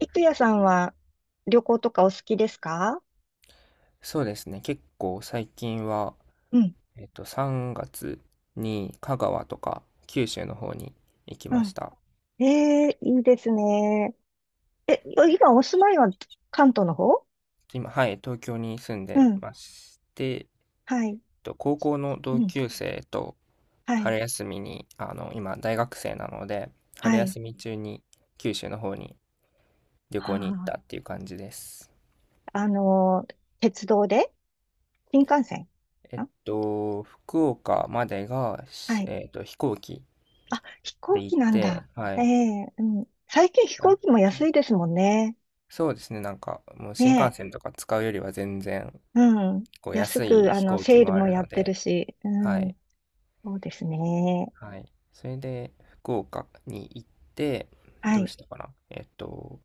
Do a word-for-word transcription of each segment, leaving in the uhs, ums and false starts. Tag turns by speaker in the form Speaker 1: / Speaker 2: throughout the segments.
Speaker 1: いくやさんは旅行とかお好きですか？
Speaker 2: そうですね。結構最近は、
Speaker 1: うん、
Speaker 2: えっと、さんがつに香川とか九州の方に行き
Speaker 1: う
Speaker 2: まし
Speaker 1: ん。
Speaker 2: た。
Speaker 1: ええ、いいですね。え、今お住まいは関東の方？
Speaker 2: 今、はい、東京に住ん
Speaker 1: う
Speaker 2: で
Speaker 1: ん、
Speaker 2: まして、えっ
Speaker 1: はい、
Speaker 2: と、高校の
Speaker 1: う
Speaker 2: 同
Speaker 1: ん、
Speaker 2: 級生と
Speaker 1: はい、
Speaker 2: 春休みに、あの、今、大学生なので、春
Speaker 1: はい。
Speaker 2: 休み中に九州の方に旅行に行っ
Speaker 1: は
Speaker 2: たっていう感じです。
Speaker 1: あ、あのー鉄道で新幹線？
Speaker 2: えっ
Speaker 1: ん
Speaker 2: と、福岡までが、
Speaker 1: は
Speaker 2: し
Speaker 1: い。
Speaker 2: えっと、飛行機
Speaker 1: あ、飛
Speaker 2: で
Speaker 1: 行
Speaker 2: 行
Speaker 1: 機
Speaker 2: っ
Speaker 1: なん
Speaker 2: て、
Speaker 1: だ。
Speaker 2: は
Speaker 1: え
Speaker 2: い。
Speaker 1: え、うん。最近飛
Speaker 2: あ
Speaker 1: 行機も安いですもんね。
Speaker 2: そうですね、なんか、もう新幹
Speaker 1: ね
Speaker 2: 線とか使うよりは全然、
Speaker 1: え、うん。
Speaker 2: こう、
Speaker 1: 安
Speaker 2: 安い
Speaker 1: く、あ
Speaker 2: 飛
Speaker 1: の、
Speaker 2: 行機
Speaker 1: セール
Speaker 2: もあ
Speaker 1: も
Speaker 2: る
Speaker 1: やっ
Speaker 2: の
Speaker 1: てる
Speaker 2: で、
Speaker 1: し、う
Speaker 2: は
Speaker 1: ん。
Speaker 2: い、
Speaker 1: そうですね。
Speaker 2: はい。それで、福岡に行って、
Speaker 1: は
Speaker 2: どう
Speaker 1: い、
Speaker 2: したかなえっと、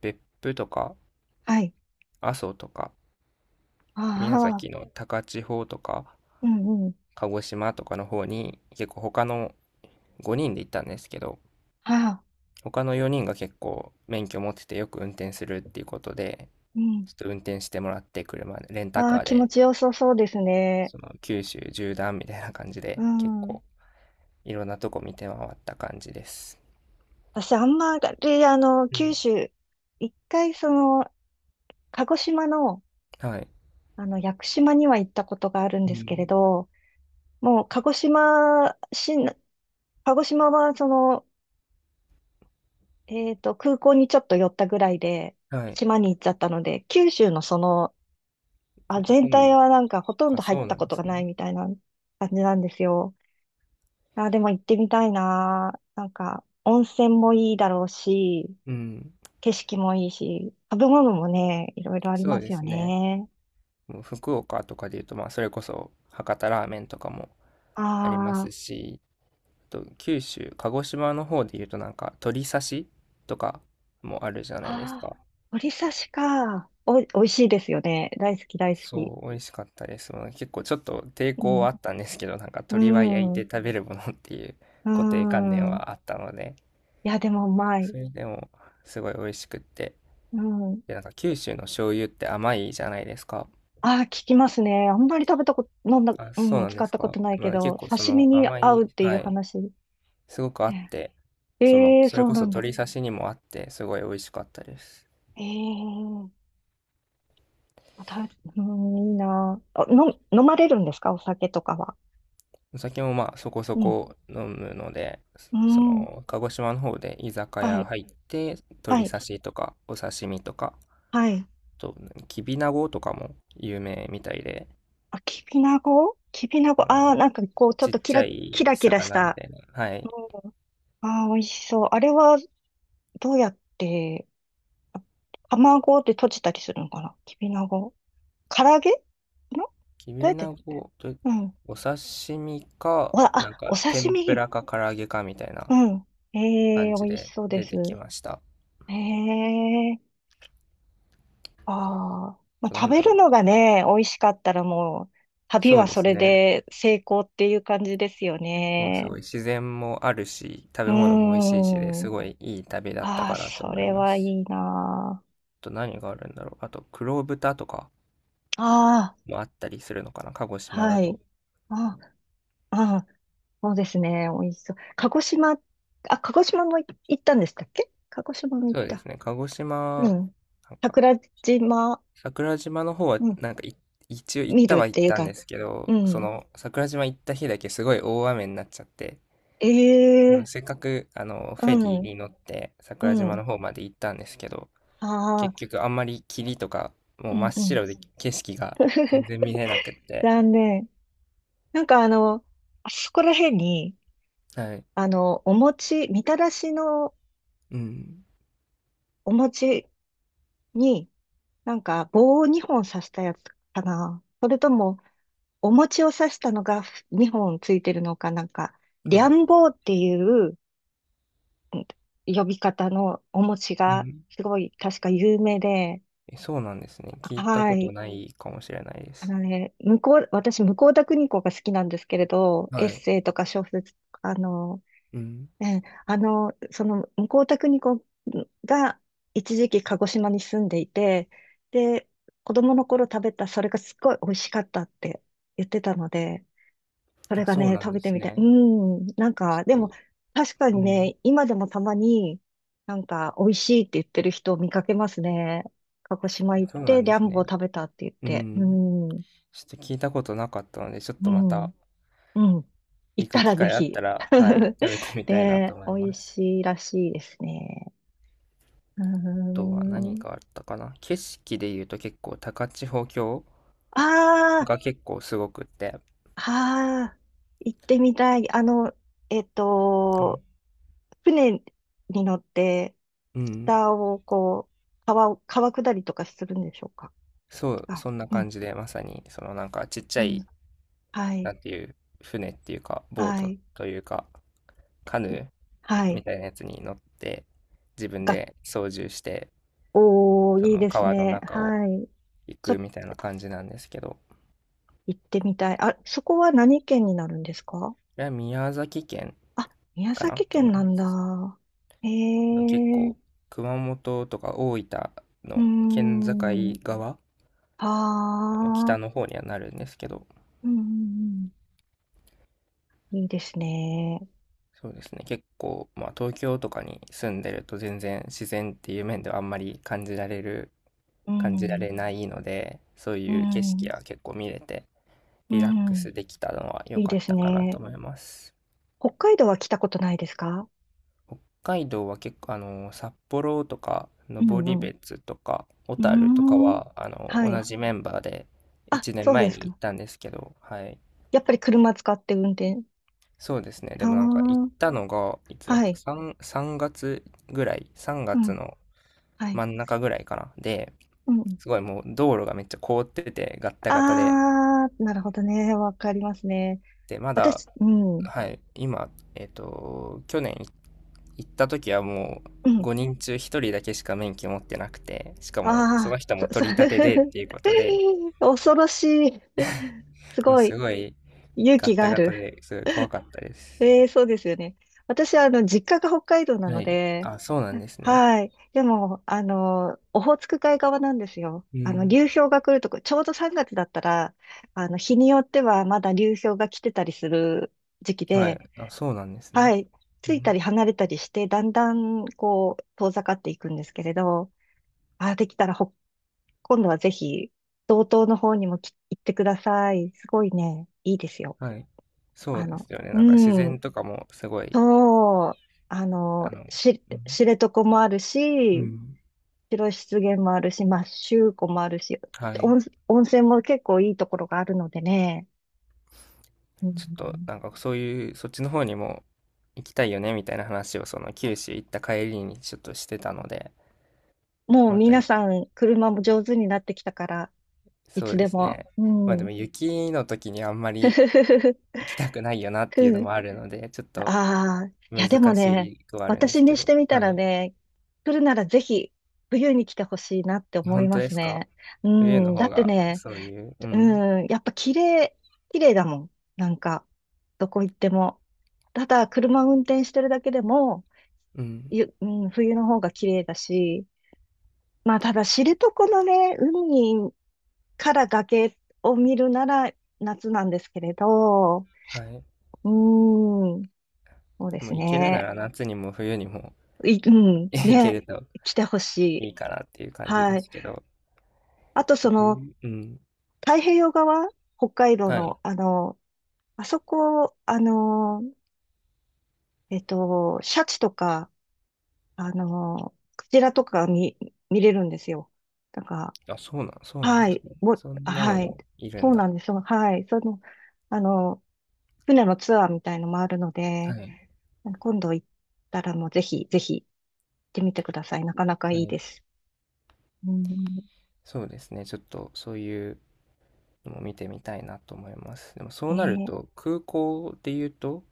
Speaker 2: 別府とか、
Speaker 1: はい。
Speaker 2: 阿蘇とか、
Speaker 1: あ
Speaker 2: 宮崎
Speaker 1: あ。
Speaker 2: の高千穂とか、
Speaker 1: うんうん。
Speaker 2: 鹿児島とかの方に、結構他のごにんで行ったんですけど、
Speaker 1: ああ、
Speaker 2: 他のよにんが結構免許持っててよく運転するっていうことで、
Speaker 1: うん。
Speaker 2: ちょっと運転してもらって車で、レンタ
Speaker 1: あ
Speaker 2: カ
Speaker 1: あ、
Speaker 2: ー
Speaker 1: 気持
Speaker 2: で
Speaker 1: ちよさそうですね。
Speaker 2: その九州縦断みたいな感じ
Speaker 1: う
Speaker 2: で結
Speaker 1: ん。
Speaker 2: 構いろんなとこ見て回った感じです。
Speaker 1: 私、あんまり、あの、
Speaker 2: う
Speaker 1: 九
Speaker 2: ん。
Speaker 1: 州、一回、その、鹿児島の、
Speaker 2: はい。
Speaker 1: あの、屋久島には行ったことがあるん
Speaker 2: う
Speaker 1: ですけれ
Speaker 2: ん。
Speaker 1: ど、もう、鹿児島市、鹿児島は、その、えっと、空港にちょっと寄ったぐらいで、
Speaker 2: はい。
Speaker 1: 島に行っちゃったので、九州のその、あ、全体
Speaker 2: 本、
Speaker 1: はなんか、ほとん
Speaker 2: あ、
Speaker 1: ど入っ
Speaker 2: そう
Speaker 1: た
Speaker 2: なん
Speaker 1: こ
Speaker 2: で
Speaker 1: とが
Speaker 2: すね。
Speaker 1: ないみたいな感じなんですよ。あ、でも行ってみたいな。なんか、温泉もいいだろうし、
Speaker 2: うん。
Speaker 1: 景色もいいし、食べ物もね、いろいろあり
Speaker 2: そう
Speaker 1: ま
Speaker 2: で
Speaker 1: すよ
Speaker 2: すね。
Speaker 1: ね。
Speaker 2: もう福岡とかで言うと、まあ、それこそ博多ラーメンとかもありま
Speaker 1: あ
Speaker 2: すし、あと九州、鹿児島の方で言うとなんか鳥刺しとかもあるじゃな
Speaker 1: あ、
Speaker 2: いです
Speaker 1: ああ、
Speaker 2: か。
Speaker 1: 鶏刺しか。お、美味しいですよね。大好き、大好き。
Speaker 2: そう、美味しかったです。まあ結構ちょっと抵
Speaker 1: う
Speaker 2: 抗
Speaker 1: ん。
Speaker 2: はあったんですけど、なんか
Speaker 1: う
Speaker 2: 鶏は焼いて
Speaker 1: ん。
Speaker 2: 食べるものっていう
Speaker 1: う
Speaker 2: 固定観念
Speaker 1: ん。
Speaker 2: はあったので、
Speaker 1: いや、でもうまい。
Speaker 2: それでもすごい美味しくって。
Speaker 1: うん。
Speaker 2: で、なんか九州の醤油って甘いじゃないですか。
Speaker 1: ああ、聞きますね。あんまり食べたこと、飲んだ、
Speaker 2: あ、
Speaker 1: う
Speaker 2: そう
Speaker 1: ん、
Speaker 2: なん
Speaker 1: 使
Speaker 2: で
Speaker 1: っ
Speaker 2: す
Speaker 1: たこ
Speaker 2: か。
Speaker 1: とないけ
Speaker 2: まあ、結
Speaker 1: ど、
Speaker 2: 構そ
Speaker 1: 刺身
Speaker 2: の
Speaker 1: に
Speaker 2: 甘
Speaker 1: 合う
Speaker 2: い、
Speaker 1: っていう
Speaker 2: はい、
Speaker 1: 話。
Speaker 2: すごくあっ
Speaker 1: ね、
Speaker 2: て、その、
Speaker 1: ええ、
Speaker 2: それ
Speaker 1: そう
Speaker 2: こ
Speaker 1: な
Speaker 2: そ
Speaker 1: んだ。
Speaker 2: 鶏刺しにもあって、すごい美味しかったです。
Speaker 1: ええ、あた、うん、いいなあ。あの、飲まれるんですか？お酒とかは。
Speaker 2: お酒もまあそこそ
Speaker 1: うん。
Speaker 2: こ飲むので、
Speaker 1: う
Speaker 2: そ
Speaker 1: ん。
Speaker 2: の、鹿児島の方で居酒
Speaker 1: は
Speaker 2: 屋
Speaker 1: い。
Speaker 2: 入って、
Speaker 1: は
Speaker 2: 鶏
Speaker 1: い。
Speaker 2: 刺しとかお刺身とか、あ
Speaker 1: はい。
Speaker 2: と、きびなごとかも有名みたいで、
Speaker 1: あ、きびなごきびな
Speaker 2: あ
Speaker 1: ご。
Speaker 2: の、
Speaker 1: ああ、なんかこう、ちょっ
Speaker 2: ち
Speaker 1: と
Speaker 2: っ
Speaker 1: キ
Speaker 2: ち
Speaker 1: ラ、
Speaker 2: ゃ
Speaker 1: キ
Speaker 2: い
Speaker 1: ラキラし
Speaker 2: 魚み
Speaker 1: た。
Speaker 2: たいな。はい。
Speaker 1: うん。ああ、美味しそう。あれは、どうやって、あ卵で閉じたりするのかな？きびなご。唐揚げの、
Speaker 2: き
Speaker 1: どうや
Speaker 2: び
Speaker 1: って、
Speaker 2: なごと、
Speaker 1: うん。
Speaker 2: お刺身か、
Speaker 1: わ、
Speaker 2: なん
Speaker 1: あ、お
Speaker 2: か
Speaker 1: 刺
Speaker 2: 天ぷ
Speaker 1: 身。
Speaker 2: らか唐揚げかみたい
Speaker 1: う
Speaker 2: な
Speaker 1: ん。ええ、
Speaker 2: 感じ
Speaker 1: 美味し
Speaker 2: で
Speaker 1: そうで
Speaker 2: 出
Speaker 1: す。
Speaker 2: てきました。あ
Speaker 1: ええ、ああ、まあ、
Speaker 2: とな
Speaker 1: 食
Speaker 2: ん
Speaker 1: べ
Speaker 2: だろ
Speaker 1: る
Speaker 2: う。
Speaker 1: のがね、美味しかったらもう、旅
Speaker 2: そう
Speaker 1: は
Speaker 2: で
Speaker 1: そ
Speaker 2: す
Speaker 1: れ
Speaker 2: ね。
Speaker 1: で成功っていう感じですよ
Speaker 2: もうす
Speaker 1: ね。
Speaker 2: ごい自然もあるし、食
Speaker 1: う
Speaker 2: べ物も美味しいしで、
Speaker 1: ー
Speaker 2: す
Speaker 1: ん。
Speaker 2: ごいいい旅だった
Speaker 1: ああ、
Speaker 2: かなと
Speaker 1: そ
Speaker 2: 思い
Speaker 1: れ
Speaker 2: ま
Speaker 1: はい
Speaker 2: す。
Speaker 1: いな
Speaker 2: あと何があるんだろう。あと黒豚とか
Speaker 1: あ。あ
Speaker 2: もあったりするのかな、鹿児
Speaker 1: あ、
Speaker 2: 島だ
Speaker 1: はい。
Speaker 2: と。
Speaker 1: ああ、あ、そうですね。美味しそう。鹿児島、あ、鹿児島もい行ったんでしたっけ？鹿児島も行
Speaker 2: そ
Speaker 1: っ
Speaker 2: うです
Speaker 1: た。
Speaker 2: ね、鹿児
Speaker 1: う
Speaker 2: 島、
Speaker 1: ん。
Speaker 2: なんか
Speaker 1: 桜島、
Speaker 2: 桜島の方は
Speaker 1: うん、
Speaker 2: なんかい一応行っ
Speaker 1: 見
Speaker 2: た
Speaker 1: るっ
Speaker 2: は行っ
Speaker 1: ていう
Speaker 2: たんで
Speaker 1: か、
Speaker 2: すけど、
Speaker 1: う
Speaker 2: そ
Speaker 1: ん。
Speaker 2: の桜島行った日だけすごい大雨になっちゃって、
Speaker 1: ええ、
Speaker 2: せっかくあの
Speaker 1: う
Speaker 2: フェリー
Speaker 1: ん、
Speaker 2: に乗って桜
Speaker 1: う
Speaker 2: 島の
Speaker 1: ん。
Speaker 2: 方まで行ったんですけど、
Speaker 1: ああ、
Speaker 2: 結局あんまり霧とか、も
Speaker 1: う
Speaker 2: う真
Speaker 1: ん、
Speaker 2: っ
Speaker 1: うん。
Speaker 2: 白で景色が全然 見えなくって。
Speaker 1: 残念。なんかあの、あそこら辺に、
Speaker 2: はい。
Speaker 1: あの、お餅、みたらしの
Speaker 2: うん。
Speaker 1: お餅に、なんか棒をにほん刺したやつかな。それとも、お餅を刺したのがにほんついてるのかなんか、り
Speaker 2: は
Speaker 1: ゃ
Speaker 2: い。
Speaker 1: ん棒っていううん呼び方のお餅
Speaker 2: う
Speaker 1: が
Speaker 2: ん。
Speaker 1: すごい確か有名で、
Speaker 2: え、そうなんですね。聞いた
Speaker 1: は
Speaker 2: こと
Speaker 1: い。
Speaker 2: ないかもしれないで
Speaker 1: あ
Speaker 2: す。
Speaker 1: のね、向こう、私、向田邦子が好きなんですけれど、エッ
Speaker 2: はい。
Speaker 1: セイとか小説、あの、
Speaker 2: うん。
Speaker 1: ええ、あの、その、向田邦子が一時期鹿児島に住んでいて、で、子供の頃食べた、それがすっごい美味しかったって言ってたので、それ
Speaker 2: あ、
Speaker 1: が
Speaker 2: そう
Speaker 1: ね、
Speaker 2: なん
Speaker 1: 食べ
Speaker 2: で
Speaker 1: て
Speaker 2: す
Speaker 1: みて、う
Speaker 2: ね。
Speaker 1: ん、なん
Speaker 2: ち
Speaker 1: か、で
Speaker 2: ょっ
Speaker 1: も、
Speaker 2: と、
Speaker 1: 確か
Speaker 2: う
Speaker 1: に
Speaker 2: ん。
Speaker 1: ね、今でもたまに、なんか、美味しいって言ってる人を見かけますね。鹿児島行っ
Speaker 2: そうな
Speaker 1: て、
Speaker 2: ん
Speaker 1: リ
Speaker 2: で
Speaker 1: ャ
Speaker 2: す
Speaker 1: ンボを
Speaker 2: ね。
Speaker 1: 食べたって言っ
Speaker 2: う
Speaker 1: て、う
Speaker 2: ん。
Speaker 1: ん、
Speaker 2: ちょっと聞いたことなかったので、ちょっ
Speaker 1: う
Speaker 2: とま
Speaker 1: ん、う
Speaker 2: た
Speaker 1: ん、行
Speaker 2: 行
Speaker 1: った
Speaker 2: く機
Speaker 1: らぜ
Speaker 2: 会あっ
Speaker 1: ひ。
Speaker 2: たら、はい、食べてみたいなと
Speaker 1: で、
Speaker 2: 思
Speaker 1: 美
Speaker 2: い
Speaker 1: 味
Speaker 2: ます。
Speaker 1: しいらしいですね。うー
Speaker 2: あとは何が
Speaker 1: ん。
Speaker 2: あったかな。景色で言うと結構高千穂峡
Speaker 1: ああ、
Speaker 2: が結構すごくって、
Speaker 1: ああ、行ってみたい。あの、えっ
Speaker 2: うん。
Speaker 1: と、船に乗って、
Speaker 2: うん。
Speaker 1: 下をこう、川を、川下りとかするんでしょうか？
Speaker 2: そう、
Speaker 1: あ、
Speaker 2: そんな
Speaker 1: う
Speaker 2: 感
Speaker 1: ん、
Speaker 2: じで、まさに、そのなんかちっちゃ
Speaker 1: う
Speaker 2: い、
Speaker 1: ん、はい、
Speaker 2: なんていう、船っていうか、ボー
Speaker 1: は
Speaker 2: ト
Speaker 1: い、
Speaker 2: というか、カヌー
Speaker 1: はい。
Speaker 2: みたいなやつに乗って、自分
Speaker 1: が、
Speaker 2: で操縦して、
Speaker 1: おー、
Speaker 2: そ
Speaker 1: いい
Speaker 2: の
Speaker 1: です
Speaker 2: 川の
Speaker 1: ね。
Speaker 2: 中を
Speaker 1: はい。
Speaker 2: 行
Speaker 1: ちょ
Speaker 2: く
Speaker 1: っ
Speaker 2: みた
Speaker 1: と
Speaker 2: いな感じなんですけど、こ
Speaker 1: 行ってみたい。あ、そこは何県になるんですか？
Speaker 2: れは宮崎県
Speaker 1: あ、宮
Speaker 2: かな
Speaker 1: 崎
Speaker 2: と思
Speaker 1: 県
Speaker 2: い
Speaker 1: な
Speaker 2: ま
Speaker 1: んだ。
Speaker 2: す。
Speaker 1: へ
Speaker 2: 結
Speaker 1: え、
Speaker 2: 構、熊本とか大分
Speaker 1: うー
Speaker 2: の県境
Speaker 1: ん。
Speaker 2: 側、
Speaker 1: は
Speaker 2: あの北の
Speaker 1: あ、
Speaker 2: 方にはなるんですけど、
Speaker 1: うん、うん、うん、いいですね。
Speaker 2: そうですね。結構、まあ、東京とかに住んでると全然自然っていう面ではあんまり感じられる、
Speaker 1: う
Speaker 2: 感じら
Speaker 1: ん、
Speaker 2: れないので、そう
Speaker 1: う
Speaker 2: いう景色
Speaker 1: ん、
Speaker 2: は結構見れて、
Speaker 1: う
Speaker 2: リラック
Speaker 1: ん、
Speaker 2: スできたのは良
Speaker 1: いい
Speaker 2: かっ
Speaker 1: です
Speaker 2: たかなと
Speaker 1: ね。
Speaker 2: 思います。
Speaker 1: 北海道は来たことないですか？
Speaker 2: 北海道は結構、あの、札幌とか、
Speaker 1: うん、う
Speaker 2: 登
Speaker 1: ん。
Speaker 2: 別とか、小
Speaker 1: うー
Speaker 2: 樽とか
Speaker 1: ん、
Speaker 2: は、あの、
Speaker 1: は
Speaker 2: 同
Speaker 1: い。
Speaker 2: じメンバーで
Speaker 1: あ、
Speaker 2: 1年
Speaker 1: そうで
Speaker 2: 前
Speaker 1: す
Speaker 2: に行っ
Speaker 1: か。
Speaker 2: たんですけど、はい。
Speaker 1: やっぱり車使って運転？
Speaker 2: そうですね。でもなんか行っ
Speaker 1: は
Speaker 2: たのが、いつ
Speaker 1: あ、
Speaker 2: だっ
Speaker 1: は
Speaker 2: た
Speaker 1: い。
Speaker 2: ?さん、さんがつぐらい、3
Speaker 1: う
Speaker 2: 月
Speaker 1: ん、
Speaker 2: の
Speaker 1: はい。
Speaker 2: 真ん中ぐらいかな。で、
Speaker 1: うん。
Speaker 2: すごいもう道路がめっちゃ凍ってて、ガッタガタで。
Speaker 1: あー、なるほどね。わかりますね。
Speaker 2: で、まだ、
Speaker 1: 私、うん、
Speaker 2: はい、今、えっと、去年行った時はもう
Speaker 1: うん。
Speaker 2: ごにん中一人だけしか免許持ってなくて、しかもそ
Speaker 1: あ
Speaker 2: の人
Speaker 1: ー、
Speaker 2: も
Speaker 1: そ、そ、
Speaker 2: 取り立てでっていうことで、
Speaker 1: 恐ろしい。す
Speaker 2: もう
Speaker 1: ご
Speaker 2: す
Speaker 1: い。
Speaker 2: ごい
Speaker 1: 勇
Speaker 2: ガ
Speaker 1: 気
Speaker 2: ッ
Speaker 1: が
Speaker 2: タ
Speaker 1: あ
Speaker 2: ガタ
Speaker 1: る。
Speaker 2: ですごい怖かったです。
Speaker 1: ええ、そうですよね。私は、あの、実家が北海道な
Speaker 2: は
Speaker 1: の
Speaker 2: い。
Speaker 1: で、
Speaker 2: あ、そうなんですね。
Speaker 1: はい。でも、あの、オホーツク海側なんですよ。
Speaker 2: う
Speaker 1: あの、
Speaker 2: ん。
Speaker 1: 流氷が来るとこ、ちょうどさんがつだったら、あの、日によってはまだ流氷が来てたりする時期
Speaker 2: は
Speaker 1: で、
Speaker 2: い。あ、そうなんです
Speaker 1: は
Speaker 2: ね。
Speaker 1: い。
Speaker 2: う
Speaker 1: ついた
Speaker 2: ん。
Speaker 1: り離れたりして、だんだん、こう、遠ざかっていくんですけれど、あ、できたらほ、今度はぜひ、道東の方にもき行ってください。すごいね、いいですよ。
Speaker 2: はい。そ
Speaker 1: あ
Speaker 2: うで
Speaker 1: の、
Speaker 2: すよね。
Speaker 1: う
Speaker 2: なんか自然
Speaker 1: ん。
Speaker 2: とかもすごい、
Speaker 1: そう、あの、
Speaker 2: あの、
Speaker 1: し、
Speaker 2: うん
Speaker 1: 知床もある
Speaker 2: う
Speaker 1: し、
Speaker 2: ん。
Speaker 1: 白湿原もあるし、まあ、周湖もあるし、
Speaker 2: はい。
Speaker 1: 温、温泉も結構いいところがあるのでね、う
Speaker 2: ちょっと、
Speaker 1: ん、
Speaker 2: なんかそういう、そっちの方にも行きたいよね、みたいな話を、その九州行った帰りにちょっとしてたので、
Speaker 1: もう
Speaker 2: また、
Speaker 1: 皆さん車も上手になってきたから、い
Speaker 2: そ
Speaker 1: つ
Speaker 2: うで
Speaker 1: で
Speaker 2: す
Speaker 1: も。
Speaker 2: ね。
Speaker 1: う
Speaker 2: まあでも
Speaker 1: ん。
Speaker 2: 雪の時にあんまり 行きたくないよなっていう
Speaker 1: う
Speaker 2: の
Speaker 1: ん。
Speaker 2: もあるので、ちょっと
Speaker 1: ああ、いや
Speaker 2: 難
Speaker 1: でもね、
Speaker 2: しくはあるんです
Speaker 1: 私
Speaker 2: け
Speaker 1: にし
Speaker 2: ど。
Speaker 1: てみた
Speaker 2: は
Speaker 1: ら
Speaker 2: い。
Speaker 1: ね、来るならぜひ冬に来てほしいなって思い
Speaker 2: 本当
Speaker 1: ま
Speaker 2: で
Speaker 1: す
Speaker 2: すか？
Speaker 1: ね。う
Speaker 2: 冬の
Speaker 1: ん。だ
Speaker 2: 方
Speaker 1: って
Speaker 2: が、
Speaker 1: ね、
Speaker 2: そういう、うん、
Speaker 1: うん、やっぱ綺麗、綺麗だもん。なんか、どこ行っても。ただ、車運転してるだけでも、
Speaker 2: うん。
Speaker 1: ゆ、うん、冬の方が綺麗だし、まあ、ただ、知床のね、海から崖を見るなら夏なんですけれど、
Speaker 2: はい。
Speaker 1: うん、そうで
Speaker 2: も
Speaker 1: す
Speaker 2: う行けるな
Speaker 1: ね。
Speaker 2: ら夏にも冬にも
Speaker 1: い、う ん、
Speaker 2: 行け
Speaker 1: ね、
Speaker 2: ると
Speaker 1: 来てほし
Speaker 2: い
Speaker 1: い。
Speaker 2: いかなっていう感じで
Speaker 1: はい。
Speaker 2: すけど。
Speaker 1: あと、その、
Speaker 2: 冬、うん。
Speaker 1: 太平洋側、北海道
Speaker 2: はい。
Speaker 1: の、あの、あそこ、あの、えっと、シャチとか、あの、クジラとか見、見れるんですよ。だか
Speaker 2: あ、そうなんそう
Speaker 1: ら、
Speaker 2: なん
Speaker 1: は
Speaker 2: です
Speaker 1: い、
Speaker 2: ね。
Speaker 1: もう、
Speaker 2: そんなの
Speaker 1: はい、
Speaker 2: もいるん
Speaker 1: そう
Speaker 2: だ。
Speaker 1: なんですよ。はい、その、あの、船のツアーみたいのもあるの
Speaker 2: は
Speaker 1: で、
Speaker 2: い。い。
Speaker 1: 今度行ったらもうぜひ、ぜひ行ってみてください。なかなか
Speaker 2: は
Speaker 1: いいで
Speaker 2: い。
Speaker 1: す。うん、
Speaker 2: そうですね。ちょっとそういうのも見てみたいなと思います。でもそ
Speaker 1: え
Speaker 2: うなる
Speaker 1: ー
Speaker 2: と、空港で言うと、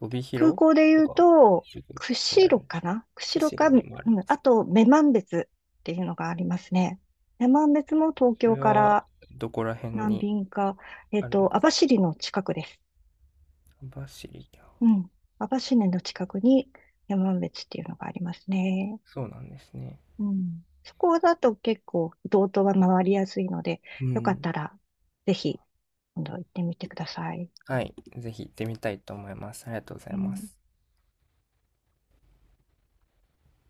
Speaker 2: 帯
Speaker 1: 空
Speaker 2: 広
Speaker 1: 港で
Speaker 2: と
Speaker 1: 言う
Speaker 2: か、
Speaker 1: と、
Speaker 2: 釧路にあ
Speaker 1: 釧路
Speaker 2: る。
Speaker 1: かな、釧路か、
Speaker 2: 釧路
Speaker 1: う
Speaker 2: にもあるんで
Speaker 1: ん、あ
Speaker 2: す。
Speaker 1: と、女満別っていうのがありますね。女満別も東
Speaker 2: そ
Speaker 1: 京
Speaker 2: れ
Speaker 1: か
Speaker 2: は
Speaker 1: ら
Speaker 2: どこら辺
Speaker 1: 何
Speaker 2: に
Speaker 1: 便か、えっ
Speaker 2: あるんで
Speaker 1: と、網
Speaker 2: すか？
Speaker 1: 走の近くです。
Speaker 2: 網走か。
Speaker 1: うん。網走の近くに山別っていうのがありますね。
Speaker 2: そうなんですね。
Speaker 1: うん。そこだと結構、道東は回りやすいので、
Speaker 2: う
Speaker 1: よかっ
Speaker 2: ん。
Speaker 1: たら、ぜひ、今度行ってみてください。
Speaker 2: はい。ぜひ行ってみたいと思います。ありがとうございま
Speaker 1: ね
Speaker 2: す。